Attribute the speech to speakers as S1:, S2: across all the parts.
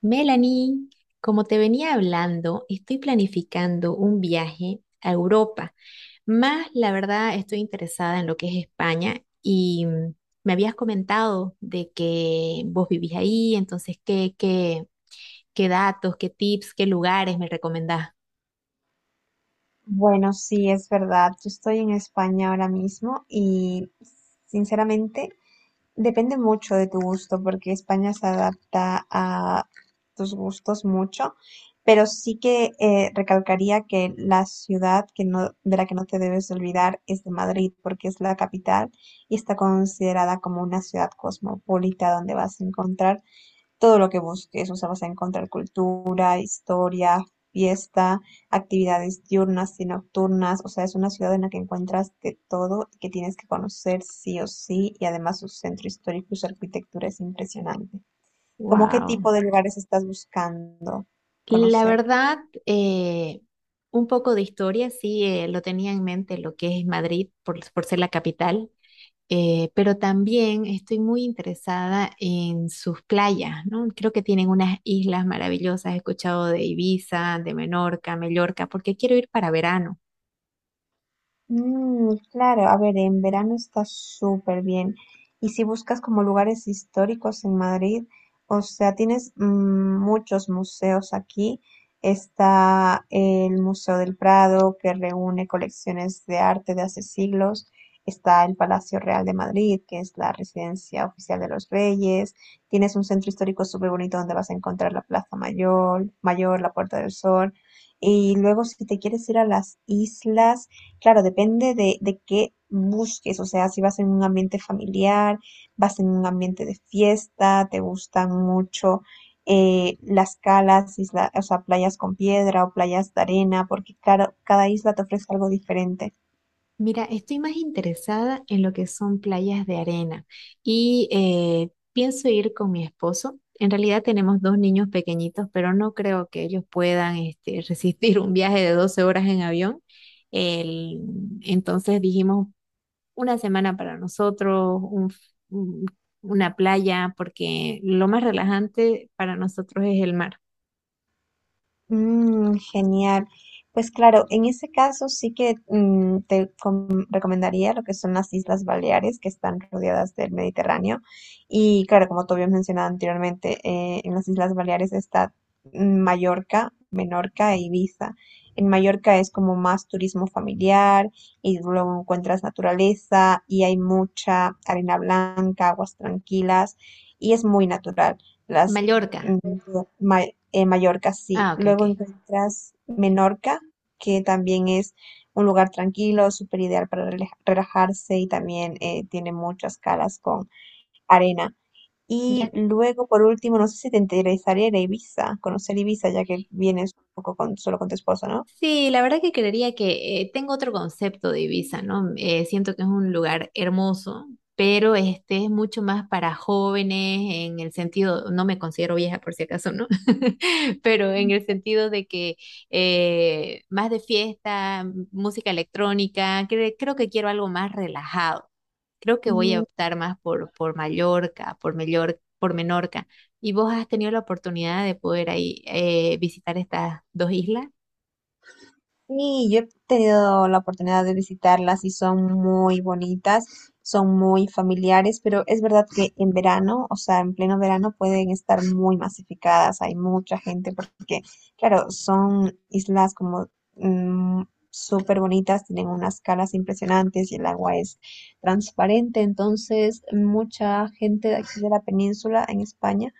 S1: Melanie, como te venía hablando, estoy planificando un viaje a Europa. Más, la verdad, estoy interesada en lo que es España y me habías comentado de que vos vivís ahí, entonces, ¿ qué datos, qué tips, qué lugares me recomendás?
S2: Bueno, sí, es verdad. Yo estoy en España ahora mismo y sinceramente depende mucho de tu gusto porque España se adapta a tus gustos mucho, pero sí que recalcaría que la ciudad que no, de la que no te debes olvidar es de Madrid porque es la capital y está considerada como una ciudad cosmopolita donde vas a encontrar todo lo que busques, o sea, vas a encontrar cultura, historia, fiesta, actividades diurnas y nocturnas, o sea, es una ciudad en la que encuentras de todo y que tienes que conocer sí o sí, y además su centro histórico y su arquitectura es impresionante. ¿Cómo qué
S1: Wow.
S2: tipo de lugares estás buscando
S1: La
S2: conocer?
S1: verdad, eh, un poco de historia, sí, lo tenía en mente lo que es Madrid por ser la capital, pero también estoy muy interesada en sus playas, ¿no? Creo que tienen unas islas maravillosas. He escuchado de Ibiza, de Menorca, Mallorca, porque quiero ir para verano.
S2: Mm, claro, a ver, en verano está súper bien. Y si buscas como lugares históricos en Madrid, o sea, tienes muchos museos aquí. Está el Museo del Prado, que reúne colecciones de arte de hace siglos. Está el Palacio Real de Madrid, que es la residencia oficial de los reyes. Tienes un centro histórico súper bonito donde vas a encontrar la Plaza Mayor, la Puerta del Sol. Y luego, si te quieres ir a las islas, claro, depende de qué busques, o sea, si vas en un ambiente familiar, vas en un ambiente de fiesta, te gustan mucho las calas, o sea, playas con piedra o playas de arena, porque claro, cada isla te ofrece algo diferente.
S1: Mira, estoy más interesada en lo que son playas de arena y pienso ir con mi esposo. En realidad tenemos dos niños pequeñitos, pero no creo que ellos puedan este, resistir un viaje de 12 horas en avión. El- entonces dijimos, una semana para nosotros, un- una playa, porque lo más relajante para nosotros es el mar.
S2: Mm, genial. Pues claro, en ese caso sí que mm, recomendaría lo que son las Islas Baleares, que están rodeadas del Mediterráneo. Y claro, como tú habías mencionado anteriormente, en las Islas Baleares está mm, Mallorca, Menorca e Ibiza. En Mallorca es como más turismo familiar y luego encuentras naturaleza y hay mucha arena blanca, aguas tranquilas y es muy natural. Las
S1: Mallorca.
S2: Mm, Ma- Mallorca, sí.
S1: Ah, ok, ok.
S2: Luego encuentras Menorca, que también es un lugar tranquilo, súper ideal para relajarse y también tiene muchas calas con arena.
S1: Ya.
S2: Y luego, por último, no sé si te interesaría ir a Ibiza, conocer Ibiza, ya que vienes un poco solo con tu esposo,
S1: Sí, la verdad que creería que tengo otro concepto de Ibiza, ¿no? Mm, eh, siento que es un lugar hermoso, pero este es mucho más para jóvenes en el sentido, no me considero vieja por si acaso, ¿no? Pero en el sentido de que más de fiesta, música electrónica, creo que quiero algo más relajado. Creo que voy a
S2: ¿no?
S1: optar más por Mallorca, por Menorca. ¿Vos has tenido la oportunidad de poder ahí visitar estas dos islas?
S2: Sí, yo he tenido la oportunidad de visitarlas y son muy bonitas, son muy familiares, pero es verdad que en verano, o sea, en pleno verano pueden estar muy masificadas, hay mucha gente porque, claro, son islas como mm, súper bonitas, tienen unas calas impresionantes y el agua es transparente, entonces mucha gente de aquí de la península en España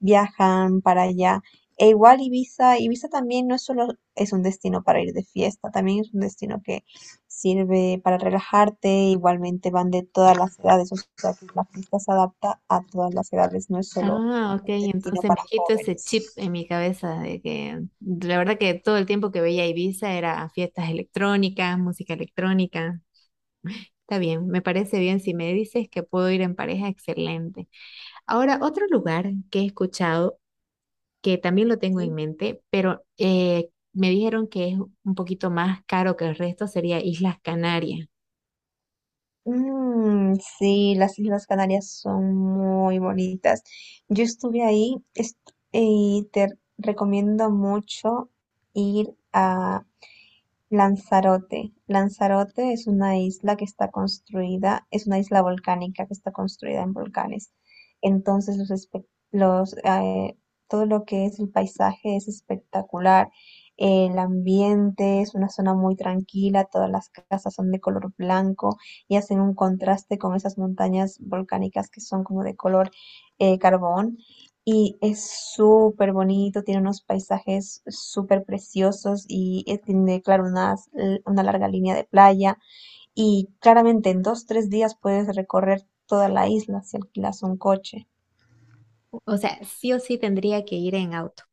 S2: viajan para allá. E igual Ibiza también no es solo es un destino para ir de fiesta, también es un destino que sirve para relajarte, igualmente van de todas las edades, o sea que la fiesta se adapta a todas las edades, no es solo
S1: Ah, ok,
S2: un destino
S1: entonces me
S2: para
S1: quito ese chip
S2: jóvenes.
S1: en mi cabeza de que la verdad que todo el tiempo que veía Ibiza era fiestas electrónicas, música electrónica. Está bien, me parece bien. Si me dices que puedo ir en pareja, excelente. Ahora, otro lugar que he escuchado, que también lo tengo en
S2: ¿Sí?
S1: mente, pero me dijeron que es un poquito más caro que el resto, sería Islas Canarias.
S2: Mm, sí, las Islas Canarias son muy bonitas. Yo estuve y te recomiendo mucho ir Lanzarote. Lanzarote es una isla es una isla volcánica que está construida en volcanes. Entonces, todo lo que es el paisaje es espectacular. El ambiente es una zona muy tranquila, todas las casas son de color blanco y hacen un contraste con esas montañas volcánicas que son como de color carbón. Y es súper bonito, tiene unos paisajes súper preciosos y tiene, claro, larga línea de playa. Y claramente en dos, tres días puedes recorrer toda la isla si alquilas un coche.
S1: O sea, sí o sí tendría que ir en auto.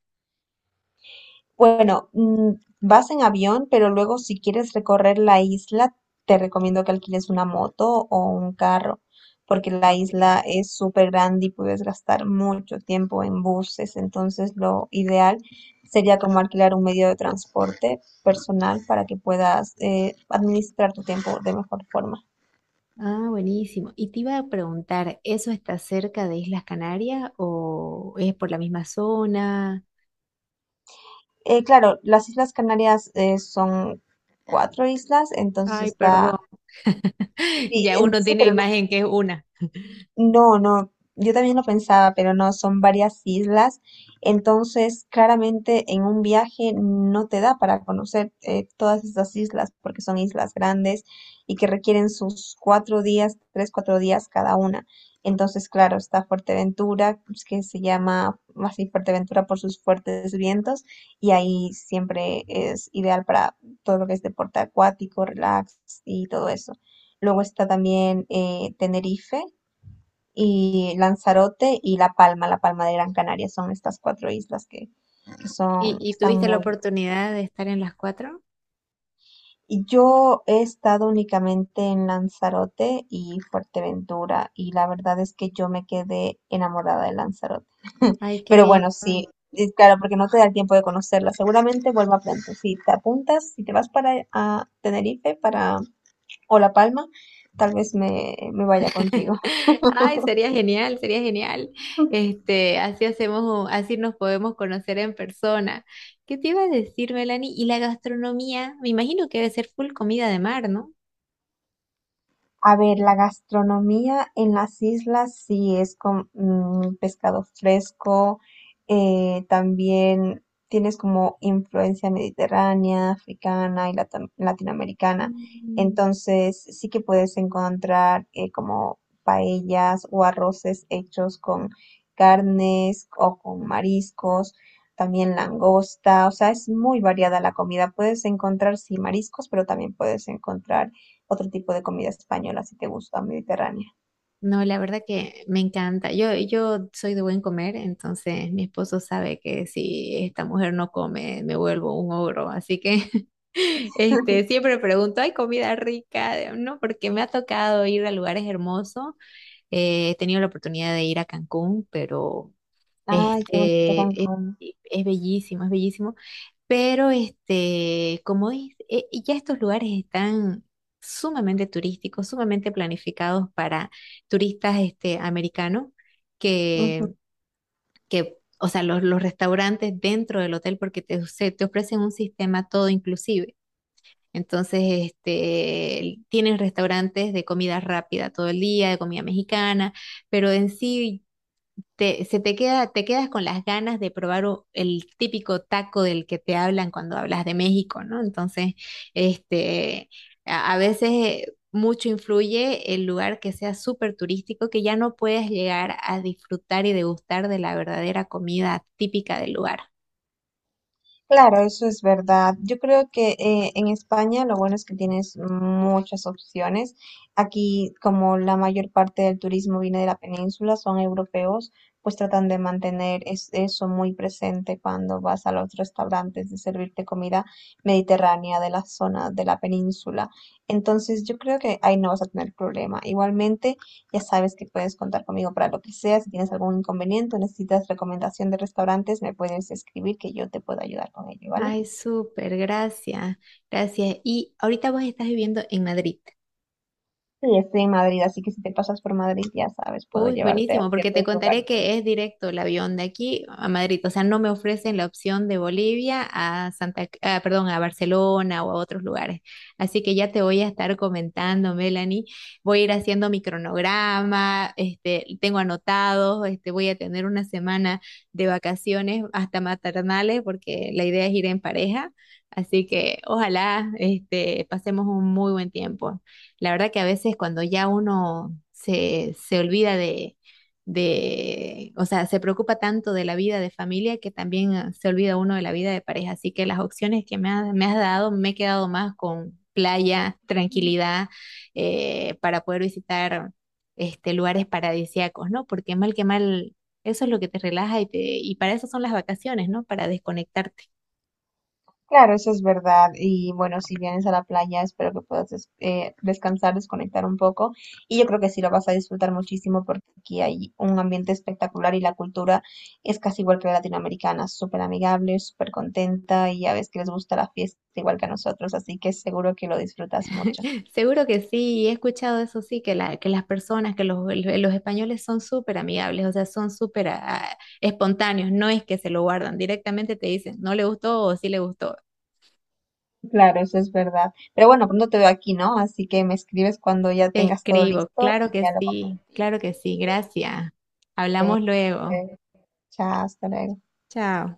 S2: Bueno, mm, vas en avión, pero luego si quieres recorrer la isla, te recomiendo que alquiles una moto o un carro, porque la
S1: Ok.
S2: isla es súper grande y puedes gastar mucho tiempo en buses, entonces lo ideal sería como alquilar un medio de transporte personal para que puedas administrar tu tiempo de mejor forma.
S1: Ah, buenísimo. Y te iba a preguntar, ¿eso está cerca de Islas Canarias o es por la misma zona?
S2: Claro, las Islas Canarias son cuatro islas, entonces
S1: Ay,
S2: está...
S1: perdón. Ya uno
S2: Sí,
S1: tiene
S2: pero
S1: imagen que es una.
S2: no, no, yo también lo pensaba, pero no, son varias islas, entonces claramente en un viaje no te da para conocer todas estas islas, porque son islas grandes y que requieren sus cuatro días, tres, cuatro días cada una. Entonces, claro, está Fuerteventura, pues, que se llama así Fuerteventura por sus fuertes vientos, y ahí siempre es ideal para todo lo que es deporte acuático, relax y todo eso. Luego está también Tenerife y Lanzarote y La Palma, La Palma de Gran Canaria, son estas cuatro islas
S1: ¿Y,
S2: que
S1: y
S2: están
S1: tuviste la
S2: muy...
S1: oportunidad de estar en las cuatro?
S2: Y yo he estado únicamente en Lanzarote y Fuerteventura y la verdad es que yo me quedé enamorada de Lanzarote.
S1: Ay, qué
S2: Pero bueno,
S1: lindo.
S2: sí, y claro, porque no te da el tiempo de conocerla. Seguramente vuelva pronto. Si te apuntas, si te vas para a Tenerife para, o La Palma, tal vez me vaya contigo.
S1: Ay, sería genial, sería genial. Este, así hacemos, así nos podemos conocer en persona. ¿Qué te iba a decir, Melanie? Y la gastronomía, me imagino que debe ser full comida de mar, ¿no?
S2: A ver, la gastronomía en las islas sí es con mm, pescado fresco, también tienes como influencia mediterránea, africana y latinoamericana. Entonces sí que puedes encontrar como paellas o arroces hechos con carnes o con mariscos, también langosta, o sea, es muy variada la comida. Puedes encontrar sí mariscos, pero también puedes encontrar otro tipo de comida española si te gusta, mediterránea.
S1: No, la verdad que me encanta. Yo soy de buen comer, entonces mi esposo sabe que si esta mujer no come, me vuelvo un ogro. Así que este, siempre pregunto, ¿hay comida rica? No, porque me ha tocado ir a lugares hermosos. He tenido la oportunidad de ir a Cancún, pero
S2: Ay, qué bonito
S1: este,
S2: Cancún.
S1: es bellísimo, es bellísimo. Pero este, como es, y ya estos lugares están sumamente turísticos, sumamente planificados para turistas este, americanos,
S2: Ujú.
S1: que, que, o sea, los restaurantes dentro del hotel, porque te ofrecen un sistema todo inclusive. Entonces, este, tienen restaurantes de comida rápida todo el día, de comida mexicana, pero en sí te quedas con las ganas de probar el típico taco del que te hablan cuando hablas de México, ¿no? Entonces, este, a veces mucho influye el lugar que sea súper turístico, que ya no puedes llegar a disfrutar y degustar de la verdadera comida típica del lugar.
S2: Claro, eso es verdad. Yo creo que en España lo bueno es que tienes muchas opciones. Aquí, como la mayor parte del turismo viene de la península, son europeos, pues tratan de mantener eso muy presente cuando vas a los restaurantes de servirte comida mediterránea de la zona de la península. Entonces, yo creo que ahí no vas a tener problema. Igualmente, ya sabes que puedes contar conmigo para lo que sea. Si tienes algún inconveniente o necesitas recomendación de restaurantes, me puedes escribir que yo te puedo ayudar con ello, ¿vale?
S1: Ay, súper, gracias, gracias. Y ahorita vos estás viviendo en Madrid.
S2: Sí, estoy en Madrid, así que si te pasas por Madrid, ya sabes, puedo
S1: Uy,
S2: llevarte a
S1: buenísimo, porque te
S2: ciertos
S1: contaré
S2: lugares
S1: que
S2: bonitos.
S1: es directo el avión de aquí a Madrid, o sea, no me ofrecen la opción de Bolivia a Santa, ah, perdón, a Barcelona o a otros lugares. Así que ya te voy a estar comentando, Melanie. Voy a ir haciendo mi cronograma, este, tengo anotados, este, voy a tener una semana de vacaciones hasta maternales, porque la idea es ir en pareja. Así que ojalá, este, pasemos un muy buen tiempo. La verdad que a veces cuando ya uno se olvida de, o sea, se preocupa tanto de la vida de familia que también ah, se olvida uno de la vida de pareja. Así que las opciones que me has dado, me he quedado más con playa, tranquilidad, para poder visitar este, lugares paradisíacos, ¿no? Porque mal que mal, eso es lo que te relaja y y para eso son las vacaciones, ¿no? Para desconectarte.
S2: Claro, eso es verdad. Y bueno, si vienes a la playa, espero que puedas descansar, desconectar un poco. Y yo creo que sí lo vas a disfrutar muchísimo porque aquí hay un ambiente espectacular y la cultura es casi igual que la latinoamericana, súper amigable, súper contenta y ya ves que les gusta la fiesta igual que a nosotros, así que seguro que lo disfrutas mucho.
S1: Seguro que sí, he escuchado eso sí, que las personas, que los españoles son súper amigables, o sea, son súper ah, espontáneos, no es que se lo guardan, directamente te dicen, no le gustó o sí le gustó.
S2: Claro, eso es verdad. Pero bueno, pronto te veo aquí, ¿no? Así que me escribes cuando ya
S1: Te
S2: tengas todo
S1: escribo,
S2: listo y ya lo compartimos.
S1: claro que sí, gracias. Hablamos luego.
S2: Venga, chao, hasta luego.
S1: Chao.